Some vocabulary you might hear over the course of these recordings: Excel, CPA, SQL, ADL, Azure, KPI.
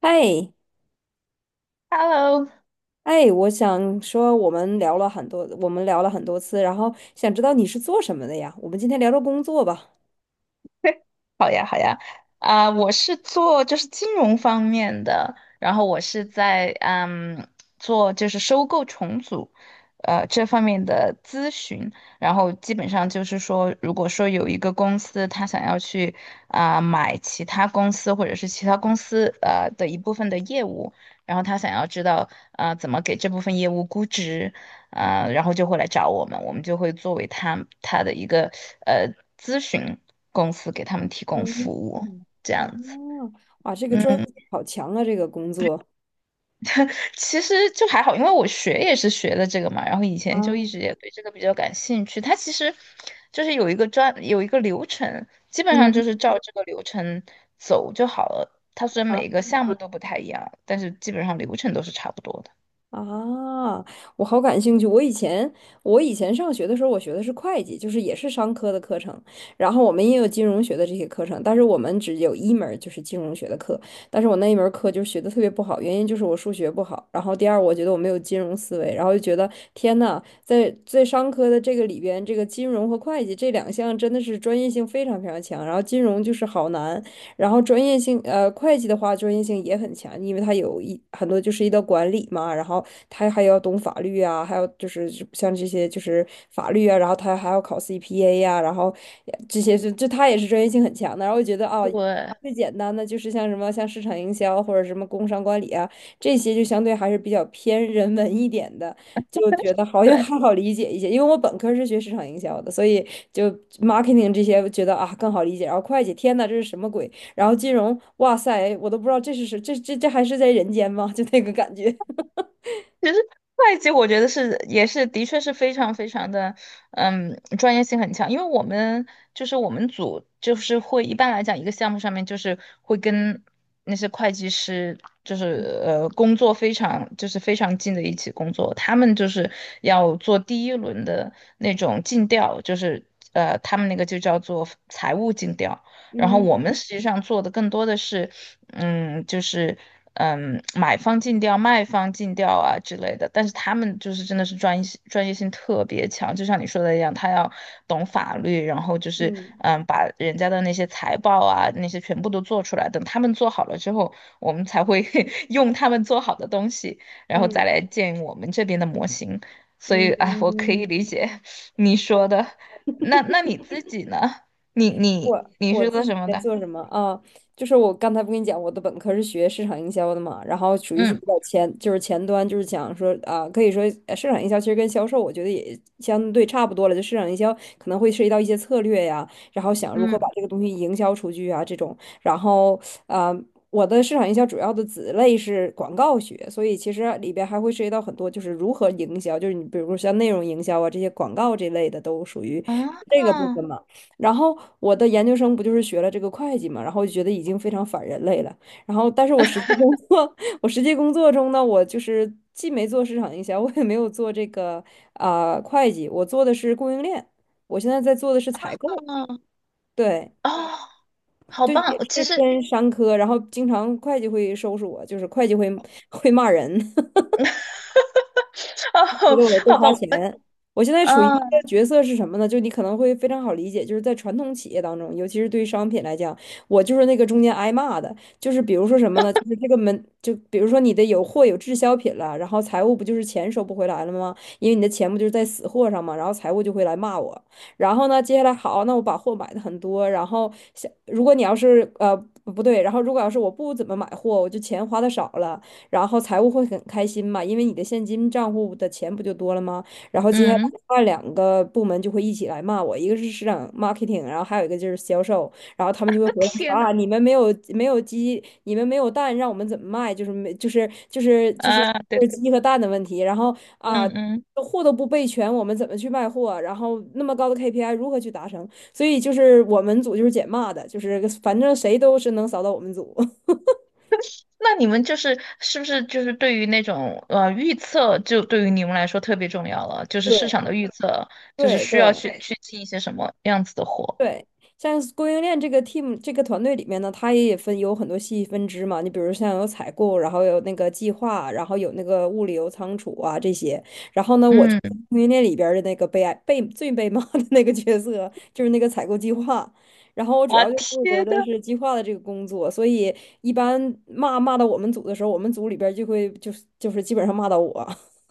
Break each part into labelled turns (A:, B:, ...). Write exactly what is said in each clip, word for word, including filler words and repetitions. A: 哎
B: Hello，
A: 哎，我想说，我们聊了很多，我们聊了很多次，然后想知道你是做什么的呀？我们今天聊聊工作吧。
B: 好呀，好呀，啊、我是做就是金融方面的，然后我是在嗯做就是收购重组，呃这方面的咨询。然后基本上就是说，如果说有一个公司他想要去啊、买其他公司或者是其他公司呃的一部分的业务，然后他想要知道啊、呃怎么给这部分业务估值。啊，然后就会来找我们，我们就会作为他他的一个呃咨询公司给他们提供服
A: 嗯
B: 务，
A: 嗯，
B: 这
A: 啊，
B: 样子。
A: 哇，这个专业
B: 嗯，
A: 性好强啊，这个工作。
B: 其实就还好，因为我学也是学的这个嘛，然后以前就一直
A: 啊，
B: 也对这个比较感兴趣。它其实就是有一个专有一个流程，基本上
A: 嗯。
B: 就是照这个流程走就好了。它虽然
A: 啊。
B: 每一个项目都不太一样，但是基本上流程都是差不多的。
A: 啊，我好感兴趣。我以前我以前上学的时候，我学的是会计，就是也是商科的课程。然后我们也有金融学的这些课程，但是我们只有一门儿就是金融学的课。但是我那一门儿课就学的特别不好，原因就是我数学不好。然后第二，我觉得我没有金融思维，然后就觉得天呐，在在商科的这个里边，这个金融和会计这两项真的是专业性非常非常强，然后金融就是好难。然后专业性，呃，会计的话专业性也很强，因为他有一很多就是一道管理嘛，然后他还要懂法律啊，还有就是像这些就是法律啊，然后他还要考 C P A 呀、然后这些是就他也是专业性很强的。然后我觉得啊，
B: 对，
A: 最简单的就是像什么像市场营销或者什么工商管理啊，这些就相对还是比较偏人文一点的，就觉得好像
B: 对。
A: 还好理解一些。因为我本科是学市场营销的，所以就 marketing 这些觉得啊更好理解。然后会计，天呐，这是什么鬼？然后金融，哇塞，我都不知道这是谁，这这这还是在人间吗？就那个感觉。
B: 其实会计我觉得是也是的确是非常非常的，嗯，专业性很强。因为我们就是我们组就是会一般来讲一个项目上面就是会跟那些会计师就是 呃工作非常就是非常近的一起工作，他们就是要做第一轮的那种尽调，就是呃他们那个就叫做财务尽调。然后
A: 嗯
B: 我们实际上做的更多的是，嗯，就是嗯，买方尽调、卖方尽调啊之类的。但是他们就是真的是专业性专业性特别强，就像你说的一样，他要懂法律，然后就是
A: 嗯
B: 嗯，把人家的那些财报啊那些全部都做出来。等他们做好了之后，我们才会 用他们做好的东西，然后再
A: 嗯
B: 来建我们这边的模型。所
A: 嗯
B: 以，哎，我可
A: 嗯
B: 以
A: 嗯。
B: 理解 你说的。那那你自己呢？你你
A: 我
B: 你
A: 我
B: 是
A: 自
B: 做
A: 己
B: 什么
A: 在
B: 的？
A: 做什么啊？就是我刚才不跟你讲，我的本科是学市场营销的嘛，然后属于是比较
B: 嗯
A: 前，就是前端，就是讲说啊，可以说呃市场营销其实跟销售，我觉得也相对差不多了。就市场营销可能会涉及到一些策略呀，然后想如何把
B: 嗯，
A: 这个东西营销出去啊这种。然后啊，呃我的市场营销主要的子类是广告学，所以其实里边还会涉及到很多，就是如何营销，就是你比如说像内容营销啊这些广告这类的都属于这
B: 啊
A: 个部分嘛。然后我的研究生不就是学了这个会计嘛，然后就觉得已经非常反人类了。然后，但是我实际工作，我实际工作中呢，我就是既没做市场营销，我也没有做这个啊、会计，我做的是供应链。我现在在做的是采购，
B: 啊，
A: 对
B: 哦，好
A: 对，
B: 棒！
A: 也
B: 其
A: 是
B: 实
A: 偏商科。然后经常会计会收拾我，就是会计会会骂人。
B: 哦，
A: 为了多
B: 好
A: 花
B: 棒
A: 钱。我现在处于一
B: 啊，
A: 个角色是什么呢？就你可能会非常好理解，就是在传统企业当中，尤其是对于商品来讲，我就是那个中间挨骂的。就是比如说什么呢？就是这个门，就比如说你的有货有滞销品了，然后财务不就是钱收不回来了吗？因为你的钱不就是在死货上嘛，然后财务就会来骂我。然后呢，接下来好，那我把货买的很多，然后想如果你要是呃不对，然后如果要是我不怎么买货，我就钱花的少了。然后财务会很开心嘛，因为你的现金账户的钱不就多了吗？然后接下来
B: 嗯，
A: 另外两个部门就会一起来骂我，一个是市场 marketing，然后还有一个就是销售，然后他们就会 回来说
B: 天呐，
A: 啊，你们没有没有鸡，你们没有蛋，让我们怎么卖？就是没就是就是就是
B: 啊，对
A: 就是
B: 对，
A: 鸡和蛋的问题，然后啊。
B: 嗯嗯。
A: 货都不备全，我们怎么去卖货啊？然后那么高的 K P I 如何去达成？所以就是我们组就是捡骂的，就是反正谁都是能扫到我们组。
B: 那你们就是是不是就是对于那种呃预测，就对于你们来说特别重要了？就是市场
A: 对
B: 的预测，就是
A: 对
B: 需要
A: 对，
B: 去去进一些什么样子的货？
A: 对，像是供应链这个 team 这个团队里面呢，它也分有很多细分支嘛。你比如像有采购，然后有那个计划，然后有那个物流仓储啊这些。然后呢，我就在
B: 嗯，
A: 供应链里边儿的那个被爱被最被骂的那个角色，就是那个采购计划。然后我主
B: 啊，
A: 要就负责
B: 天
A: 的
B: 呐，
A: 是计划的这个工作，所以一般骂骂到我们组的时候，我们组里边儿就会就是就是基本上骂到我。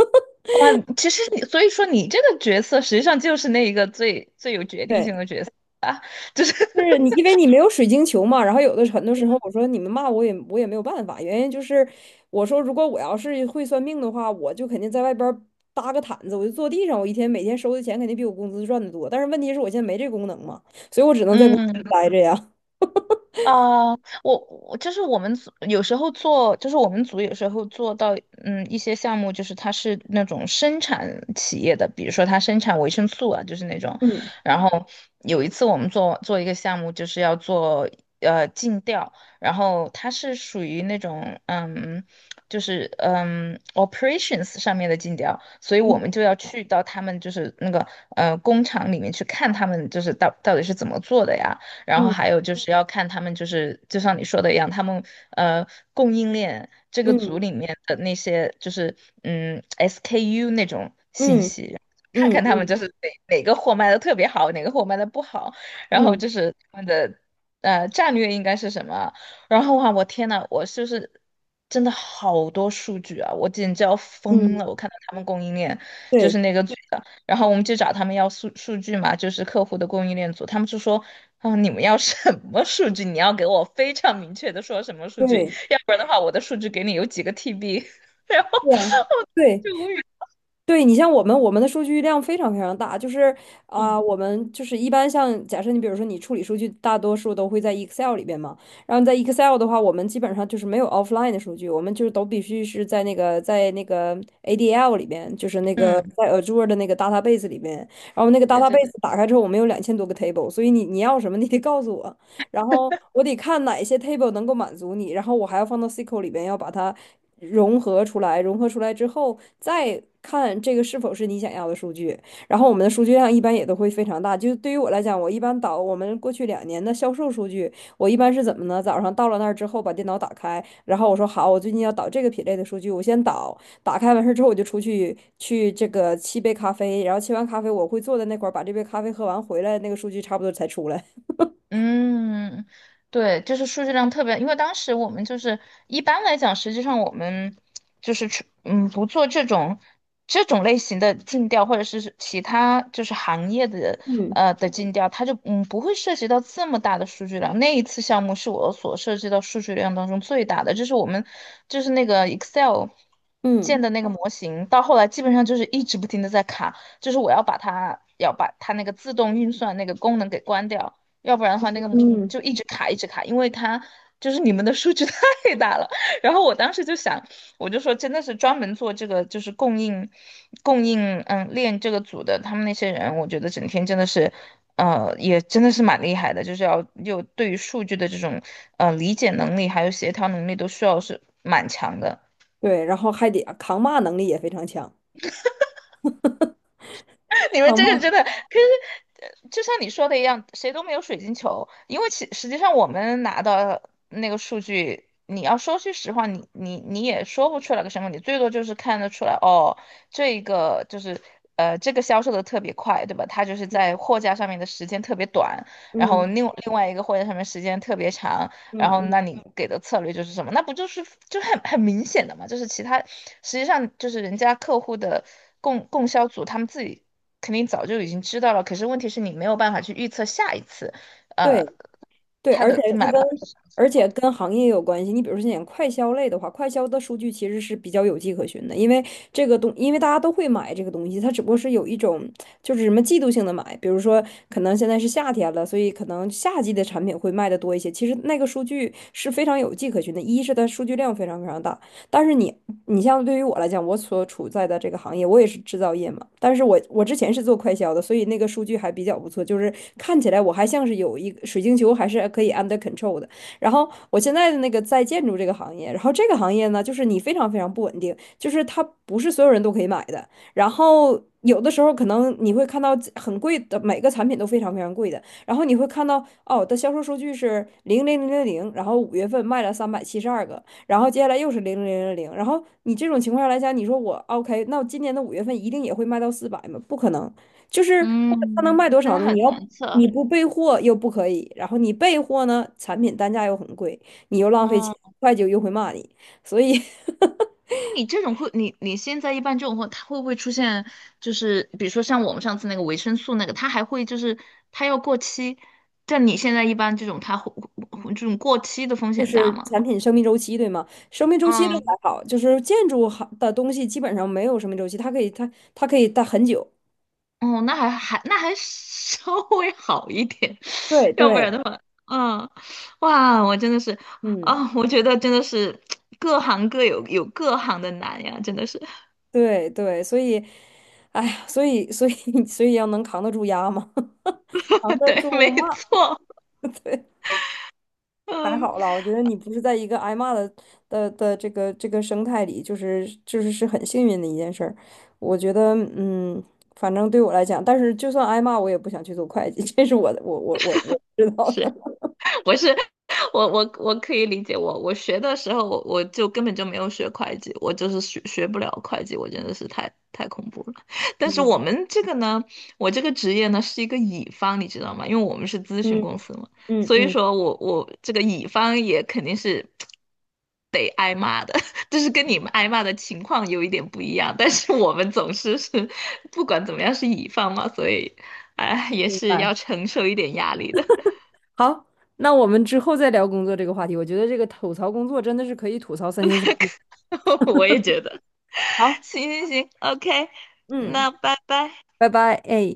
B: 哇，其实你，所以说你这个角色实际上就是那一个最最有决定性
A: 对。
B: 的角色啊，就是，
A: 就是你，因为你没有水晶球嘛，然后有的很多时候
B: 嗯，
A: 我说你们骂我也我也没有办法，原因就是我说如果我要是会算命的话，我就肯定在外边儿搭个毯子，我就坐地上，我一天每天收的钱肯定比我工资赚的多，但是问题是我现在没这功能嘛，所以我只能在公司
B: 嗯，
A: 待着呀。
B: 啊，我我就是我们组有时候做，就是我们组有时候做到，嗯，一些项目就是它是那种生产企业的，比如说它生产维生素啊，就是那种。
A: 嗯
B: 然后有一次我们做做一个项目，就是要做呃尽调，然后它是属于那种嗯，就是嗯 operations 上面的尽调，所以我们
A: 嗯
B: 就要去到他们就是那个呃工厂里面去看他们就是到到底是怎么做的呀。然后
A: 嗯
B: 还有就是要看他们，就是就像你说的一样，他们呃供应链这个组
A: 嗯
B: 里面的那些就是嗯 S K U 那种信
A: 嗯
B: 息，看
A: 嗯
B: 看他们
A: 嗯
B: 就是哪哪个货卖的特别好，哪个货卖的不好，然后
A: 嗯
B: 就是他们的呃战略应该是什么。然后啊，我天呐，我就是真的好多数据啊，我简直要疯
A: 嗯，
B: 了！我看到他们供应链就是
A: 对
B: 那个。组的。然后我们就找他们要数数据嘛，就是客户的供应链组，他们就说，啊，你们要什么数据？你要给我非常明确的说什么数据，
A: 对
B: 要不然的话，我的数据给你有几个 T B,然后
A: 对呀，
B: 我
A: 对。
B: 就无语。
A: 对你像我们，我们的数据量非常非常大，就是啊、
B: 嗯
A: 我们就是一般像假设你比如说你处理数据，大多数都会在 Excel 里边嘛，然后在 Excel 的话，我们基本上就是没有 offline 的数据，我们就是都必须是在那个在那个 A D L 里边，就是那个
B: 嗯，
A: 在 Azure 的那个 database 里边，然后那个
B: 对对对。
A: database 打开之后，我们有两千多个 table，所以你你要什么你得告诉我。然后我得看哪一些 table 能够满足你，然后我还要放到 S Q L 里边，要把它融合出来。融合出来之后，再看这个是否是你想要的数据。然后我们的数据量一般也都会非常大。就对于我来讲，我一般导我们过去两年的销售数据，我一般是怎么呢？早上到了那儿之后，把电脑打开，然后我说好，我最近要导这个品类的数据，我先导。打开完事之后，我就出去去这个沏杯咖啡，然后沏完咖啡，我会坐在那块儿把这杯咖啡喝完，回来那个数据差不多才出来。
B: 嗯，对，就是数据量特别，因为当时我们就是一般来讲，实际上我们就是去嗯不做这种这种类型的尽调，或者是其他就是行业的
A: 嗯
B: 呃的尽调，它就嗯不会涉及到这么大的数据量。那一次项目是我所涉及到数据量当中最大的，就是我们就是那个 Excel
A: 嗯。
B: 建的那个模型，到后来基本上就是一直不停的在卡，就是我要把它要把它那个自动运算那个功能给关掉。要不然的话那个
A: 嗯，
B: 就一直卡一直卡，因为他就是你们的数据 太大了。然后我当时就想，我就说真的是专门做这个就是供应供应嗯链这个组的他们那些人，我觉得整天真的是。呃，也真的是蛮厉害的，就是要有对于数据的这种呃理解能力，还有协调能力，都需要是蛮强的。
A: 对，然后还得扛骂能力也非常强。
B: 你们
A: 扛
B: 这个真
A: 骂，
B: 的，可是呃就像你说的一样，谁都没有水晶球，因为其实际上我们拿到那个数据，你要说句实话，你你你也说不出来个什么，你最多就是看得出来，哦，这个就是呃这个销售的特别快，对吧？它就是在货架上面的时间特别短，然后
A: 嗯
B: 另另外一个货架上面时间特别长，然
A: 嗯
B: 后
A: 嗯，
B: 那你给的策略就是什么？那不就是就很很明显的嘛？就是其他实际上就是人家客户的供供销组他们自己肯定早就已经知道了。可是问题是你没有办法去预测下一次，
A: 对
B: 呃，
A: 对，
B: 他
A: 而且
B: 的
A: 它
B: 买卖
A: 跟而且跟行业也有关系。你比如说，像快消类的话，快消的数据其实是比较有迹可循的，因为这个东，因为大家都会买这个东西，它只不过是有一种就是什么季度性的买，比如说可能现在是夏天了，所以可能夏季的产品会卖的多一些。其实那个数据是非常有迹可循的，一是它数据量非常非常大。但是你，你像对于我来讲，我所处在的这个行业，我也是制造业嘛。但是我我之前是做快销的，所以那个数据还比较不错，就是看起来我还像是有一个水晶球，还是可以 under control 的。然后我现在的那个在建筑这个行业，然后这个行业呢，就是你非常非常不稳定，就是它不是所有人都可以买的。然后有的时候可能你会看到很贵的，每个产品都非常非常贵的。然后你会看到哦，的销售数据是零零零零零，然后五月份卖了三百七十二个，然后接下来又是零零零零零，然后你这种情况下来讲，你说我 OK，那我今年的五月份一定也会卖到四百吗？不可能，就是它能
B: 嗯，
A: 卖多
B: 真
A: 少
B: 的
A: 呢？你
B: 很
A: 要
B: 难测。
A: 你不备货又不可以，然后你备货呢，产品单价又很贵，你又浪费钱，
B: 嗯，
A: 会计又会骂你，所以
B: 那你这种会，你你现在一般这种会，它会不会出现，就是比如说像我们上次那个维生素那个，它还会就是它要过期，但你现在一般这种它会这种过期的风
A: 就
B: 险大
A: 是
B: 吗？
A: 产品生命周期，对吗？生命周期都还
B: 嗯。
A: 好，就是建筑好的东西基本上没有生命周期，它可以它它可以待很久。
B: 哦，那还还那还 稍微好一点，
A: 对
B: 要不然
A: 对，
B: 的话，嗯，哇，我真的是，
A: 嗯。
B: 啊、我觉得真的是各行各有有各行的难呀，真的是，
A: 对对，所以，哎呀，所以所以 所以要能扛得住压嘛，扛 得
B: 对，没
A: 住骂，
B: 错，
A: 对，还
B: 嗯。
A: 好啦。我觉得你不是在一个挨骂的的的这个这个生态里，就是就是是很幸运的一件事儿。我觉得，嗯，反正对我来讲，但是就算挨骂，我也不想去做会计，这是我的，我我我我知道的。
B: 是。不是，我我我可以理解我，我学的时候我我就根本就没有学会计，我就是学学不了会计，我真的是太太恐怖了。但是我
A: 嗯，
B: 们这个呢，我这个职业呢是一个乙方，你知道吗？因为我们是咨询
A: 嗯
B: 公司嘛，
A: 嗯
B: 所以
A: 嗯，
B: 说我我这个乙方也肯定是得挨骂的，就是跟你们挨骂的情况有一点不一样，但是我们总是是不管怎么样是乙方嘛，所以哎也
A: 明
B: 是
A: 白。
B: 要承受一点压力的。
A: 好，那我们之后再聊工作这个话题。我觉得这个吐槽工作真的是可以吐槽三天三夜。
B: 我也觉得。
A: 好，
B: 行行行，OK,
A: 嗯，
B: 那拜拜。
A: 拜拜，哎。